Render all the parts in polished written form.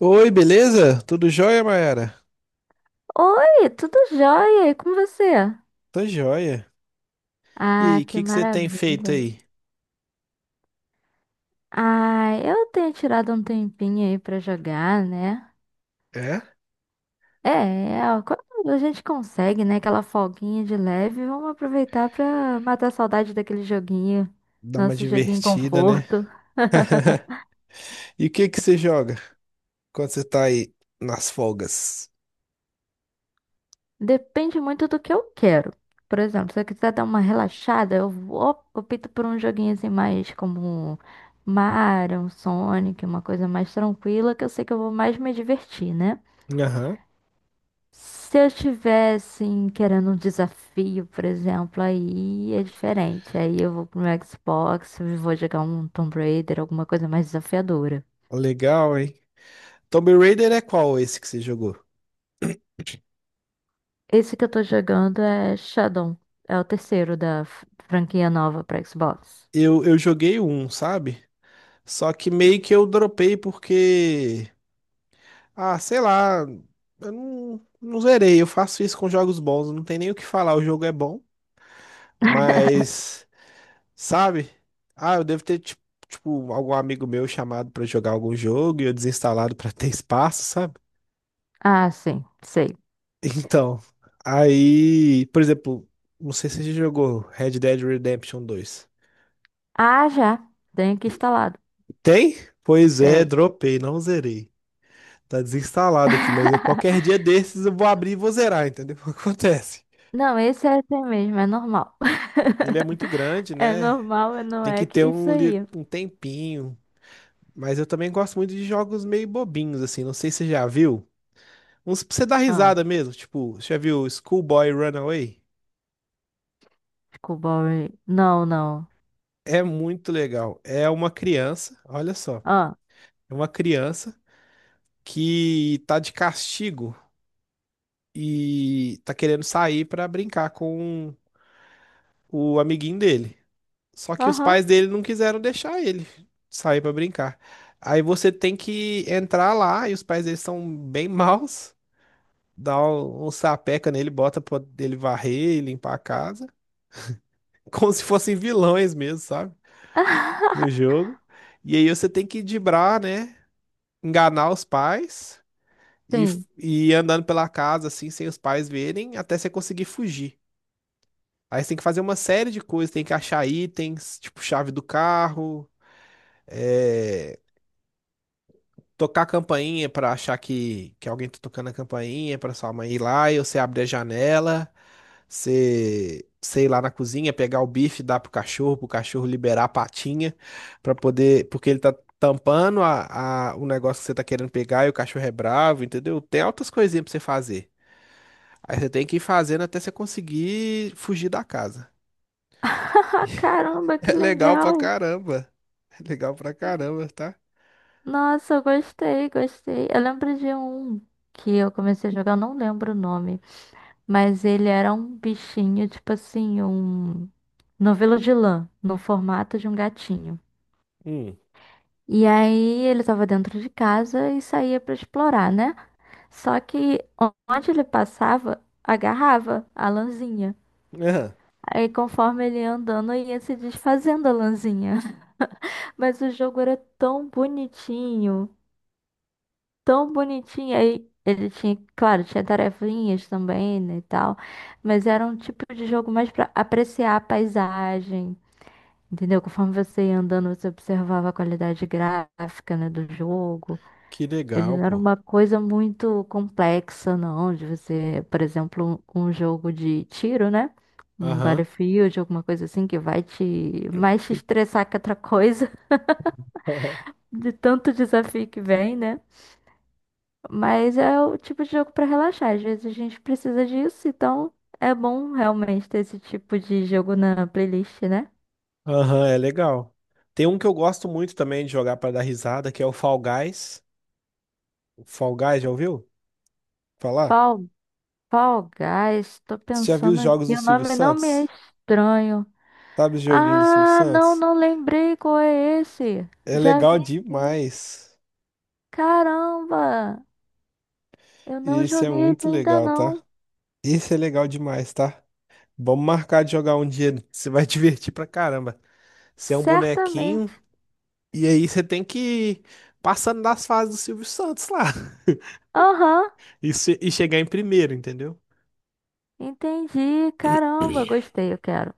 Oi, beleza? Tudo jóia, Mayara? Oi, tudo jóia? E com você? Tô jóia. E aí, Ah, o que que que você tem feito maravilha. aí? Ah, eu tenho tirado um tempinho aí pra jogar, né? É? É, é, ó, quando a gente consegue, né, aquela folguinha de leve, vamos aproveitar pra matar a saudade daquele joguinho, Dá uma nosso joguinho divertida, né? conforto. E o que que você joga quando você tá aí nas folgas? Depende muito do que eu quero. Por exemplo, se eu quiser dar uma relaxada, opto por um joguinho assim mais como um Mario, um Sonic, uma coisa mais tranquila, que eu sei que eu vou mais me divertir, né? Aham, Se eu estivesse querendo um desafio, por exemplo, aí é diferente. Aí eu vou pro meu Xbox, e vou jogar um Tomb Raider, alguma coisa mais desafiadora. legal, hein? Tomb Raider é qual esse que você jogou? Esse que eu tô jogando é Shadow. É o terceiro da franquia nova pra Xbox. Eu joguei um, sabe? Só que meio que eu dropei porque. Ah, sei lá. Eu não zerei. Eu faço isso com jogos bons. Não tem nem o que falar. O jogo é bom. Mas. Sabe? Ah, eu devo ter, tipo, tipo, algum amigo meu chamado pra jogar algum jogo e eu desinstalado pra ter espaço, sabe? Ah, sim, sei. Então, aí, por exemplo, não sei se você já jogou Red Dead Redemption dois. Ah, já. Tenho aqui instalado. Tem? Pois é, Tem. dropei, não zerei. Tá desinstalado aqui, mas qualquer dia desses eu vou abrir e vou zerar, entendeu? Acontece. Não, esse é assim mesmo, é normal. Ele é muito grande, É né? normal, não Tem é que que ter isso um, aí. um tempinho. Mas eu também gosto muito de jogos meio bobinhos, assim. Não sei se você já viu. Uns pra você dar Ah, risada mesmo, tipo, você já viu Schoolboy Runaway? desculpa, Ray. Não, não. É muito legal. É uma criança, olha só, Ah, é uma criança que tá de castigo e tá querendo sair pra brincar com o amiguinho dele. Só que os aham. pais dele não quiseram deixar ele sair pra brincar. Aí você tem que entrar lá e os pais dele são bem maus, dá um, um sapeca nele, bota pra ele varrer e limpar a casa, como se fossem vilões mesmo, sabe? No jogo. E aí você tem que driblar, né? Enganar os pais Sim. e ir andando pela casa, assim, sem os pais verem, até você conseguir fugir. Aí você tem que fazer uma série de coisas, tem que achar itens, tipo chave do carro, é, tocar a campainha pra achar que alguém tá tocando a campainha pra sua mãe ir lá, e você abre a janela. Você, sei lá, na cozinha, pegar o bife, dar pro cachorro liberar a patinha, pra poder. Porque ele tá tampando a, o negócio que você tá querendo pegar e o cachorro é bravo, entendeu? Tem altas coisinhas pra você fazer. Aí você tem que ir fazendo até você conseguir fugir da casa. Caramba, que É legal pra legal. caramba. É legal pra caramba, tá? Nossa, eu gostei, gostei. Eu lembro de um que eu comecei a jogar, eu não lembro o nome, mas ele era um bichinho, tipo assim, um novelo de lã, no formato de um gatinho. Hum. E aí ele tava dentro de casa e saía pra explorar, né? Só que onde ele passava, agarrava a lãzinha. Aham. Aí conforme ele ia andando, ia se desfazendo a lãzinha. Mas o jogo era tão bonitinho, tão bonitinho. Aí ele tinha, claro, tinha tarefinhas também, né, e tal. Mas era um tipo de jogo mais pra apreciar a paisagem, entendeu? Conforme você ia andando, você observava a qualidade gráfica, né, do jogo. Que Ele legal, não era pô. uma coisa muito complexa, não, de você, por exemplo, um jogo de tiro, né? Um Aham. Battlefield, alguma coisa assim que vai te mais te estressar que outra coisa, de tanto desafio que vem, né? Mas é o tipo de jogo pra relaxar. Às vezes a gente precisa disso, então é bom realmente ter esse tipo de jogo na playlist, né? Aham, é legal. Tem um que eu gosto muito também de jogar pra dar risada, que é o Fall Guys. Fall Guys, já ouviu falar? Fall, Fall Guys, tô Você já viu pensando os aqui, jogos do o Silvio nome não me é Santos? estranho. Sabe o joguinho do Silvio Ah, não, Santos? não lembrei qual é esse. É Já legal vi sim. demais. Caramba, eu não Esse é joguei ele muito ainda legal, tá? não. Esse é legal demais, tá? Vamos marcar de jogar um dia. Você vai divertir pra caramba. Você é um Certamente. bonequinho e aí você tem que ir passando das fases do Silvio Santos lá Aham, e, se- e chegar em primeiro, entendeu? entendi. Caramba, gostei, eu quero.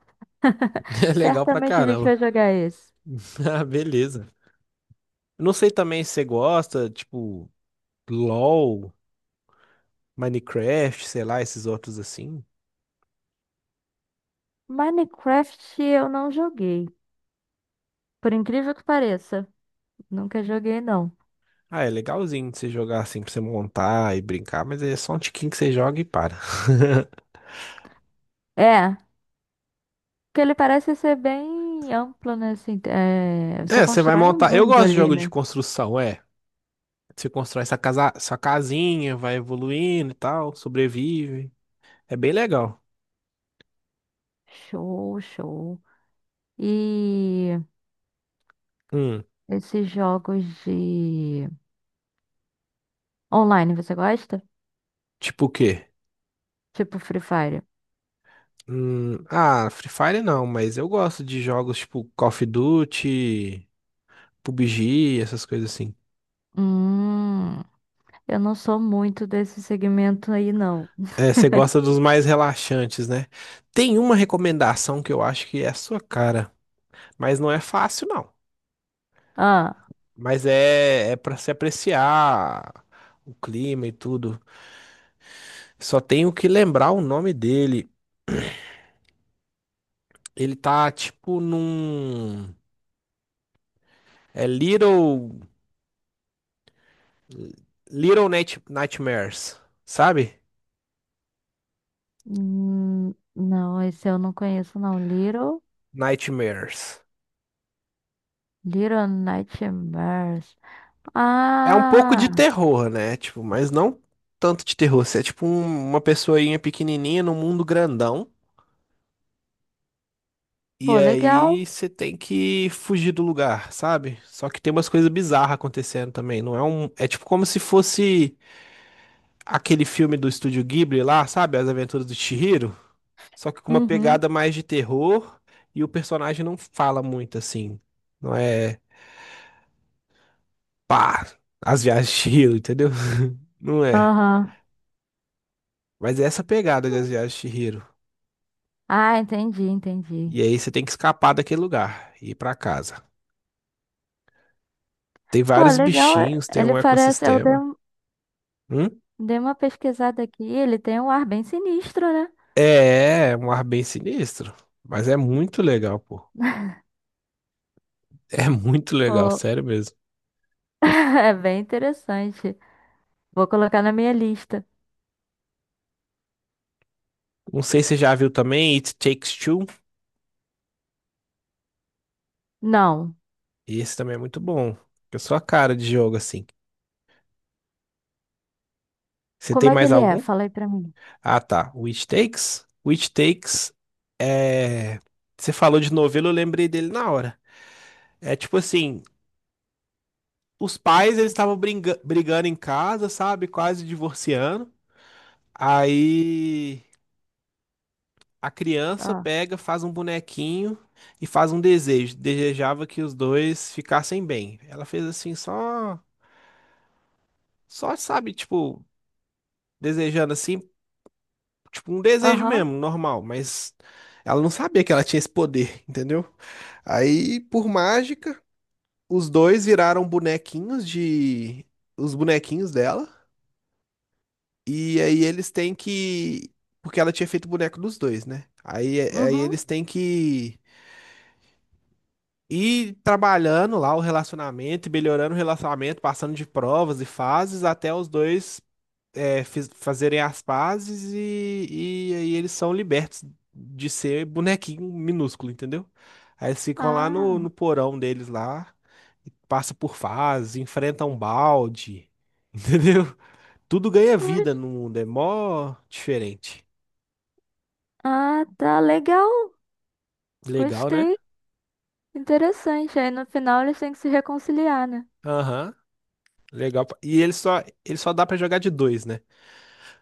É legal pra Certamente a gente caramba. vai jogar esse. Ah, beleza. Eu não sei também se você gosta, tipo, LOL. Minecraft, sei lá, esses outros assim. Minecraft eu não joguei. Por incrível que pareça. Nunca joguei, não. Ah, é legalzinho de você jogar assim pra você montar e brincar, mas é só um tiquinho que você joga e para. É, porque ele parece ser bem amplo, né? Assim, é, você É, você vai constrói um montar. Eu mundo gosto de ali, jogo de né? construção, é. Você constrói essa casa, sua casinha, vai evoluindo e tal, sobrevive. É bem legal. Show, show. E Hum, esses jogos de online, você gosta? tipo o quê? Tipo Free Fire. Ah, Free Fire não, mas eu gosto de jogos tipo Call of Duty, PUBG, essas coisas assim. Hum, eu não sou muito desse segmento aí, não. É, você gosta dos mais relaxantes, né? Tem uma recomendação que eu acho que é a sua cara, mas não é fácil, não. Ah, Mas é, é para se apreciar o clima e tudo. Só tenho que lembrar o nome dele. Ele tá tipo num. É Little. Little Nightmares, sabe? Não, esse eu não conheço, não. Nightmares. Little Nightmares. É um pouco de Ah, terror, né? Tipo, mas não tanto de terror. Você é tipo uma pessoinha pequenininha num mundo grandão. E pô, legal. aí você tem que fugir do lugar, sabe? Só que tem umas coisas bizarras acontecendo também. Não é um. É tipo como se fosse aquele filme do Estúdio Ghibli lá, sabe? As Aventuras do Chihiro. Só que com uma Uhum. pegada mais de terror e o personagem não fala muito assim. Não é. Pá! As viagens de Chihiro, entendeu? Não é. Aham. Mas é essa pegada das viagens de Chihiro. Ah, entendi, entendi. E aí você tem que escapar daquele lugar e ir pra casa. Tem Pô, vários legal. Bichinhos, tem Ele um parece. Ecossistema. Hum? Dei uma pesquisada aqui. Ele tem um ar bem sinistro, né? É, é um ar bem sinistro, mas é muito legal, pô. É muito legal, Pô, sério mesmo. é bem interessante. Vou colocar na minha lista. Não sei se você já viu também It Takes Two. Não. Esse também é muito bom. Eu sou a cara de jogo assim. Você Como tem é que mais ele é? algum? Fala aí pra mim. Ah, tá. O It Takes. O It Takes é. Você falou de novelo, eu lembrei dele na hora. É tipo assim, os pais eles estavam brigando em casa, sabe? Quase divorciando. Aí a criança Ah, pega, faz um bonequinho e faz um desejo. Desejava que os dois ficassem bem. Ela fez assim, só, só sabe, tipo, desejando assim, tipo um desejo aham. mesmo, normal, mas ela não sabia que ela tinha esse poder, entendeu? Aí, por mágica, os dois viraram bonequinhos de os bonequinhos dela e aí eles têm que porque ela tinha feito o boneco dos dois, né? Aí, aí Uhum. eles têm que e trabalhando lá o relacionamento, e melhorando o relacionamento, passando de provas e fases, até os dois fazerem as pazes e aí eles são libertos de ser bonequinho minúsculo, entendeu? Aí eles ficam lá no Ah, porão deles lá, e passa por fases, enfrenta um balde, entendeu? Tudo ganha pois. vida no mundo, é mó diferente. Ah, tá legal. Legal, né? Gostei. Interessante. Aí no final eles têm que se reconciliar, né? Aham, legal. E ele só dá pra jogar de dois, né?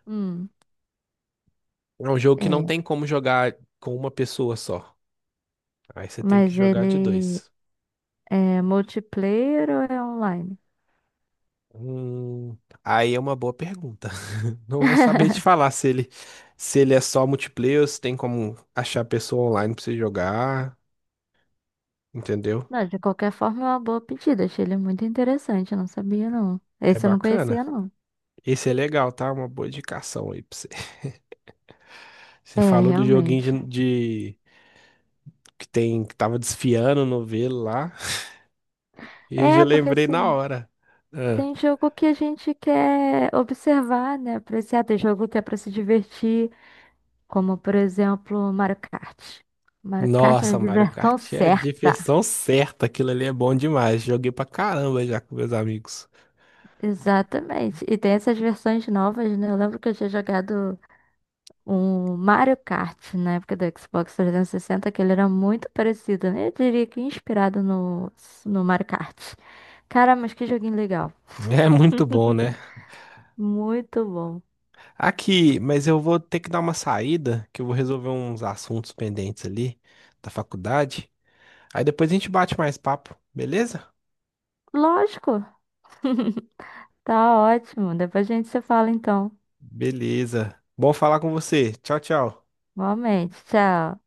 Hum. É um jogo que não É. tem como jogar com uma pessoa só. Aí você tem que Mas jogar de ele dois. é multiplayer ou é online? Hum, aí é uma boa pergunta. Não vou saber te falar se ele, se ele é só multiplayer, ou se tem como achar pessoa online pra você jogar, entendeu? Não, de qualquer forma é uma boa pedida. Achei ele muito interessante. Eu não sabia, não. É Esse eu não conhecia, bacana. não. Esse é legal, tá? Uma boa indicação aí pra você. Você É, falou do joguinho realmente. Que tem que tava desfiando no novelo lá, e eu já É, porque lembrei na assim, hora. Ah. tem jogo que a gente quer observar, né? Apreciar. Tem jogo que é pra se divertir. Como, por exemplo, Mario Kart. Mario Kart é a Nossa, Mario diversão Kart é certa. diversão certa. Aquilo ali é bom demais. Joguei pra caramba já com meus amigos. Exatamente. E tem essas versões novas, né? Eu lembro que eu tinha jogado o Mario Kart, na época do Xbox 360, que ele era muito parecido, né? Eu diria que inspirado no Mario Kart. Cara, mas que joguinho legal. É muito bom, né? Muito bom. Aqui, mas eu vou ter que dar uma saída, que eu vou resolver uns assuntos pendentes ali da faculdade. Aí depois a gente bate mais papo, beleza? Lógico, tá ótimo. Depois a gente se fala então. Beleza. Bom falar com você. Tchau, tchau. Igualmente, tchau.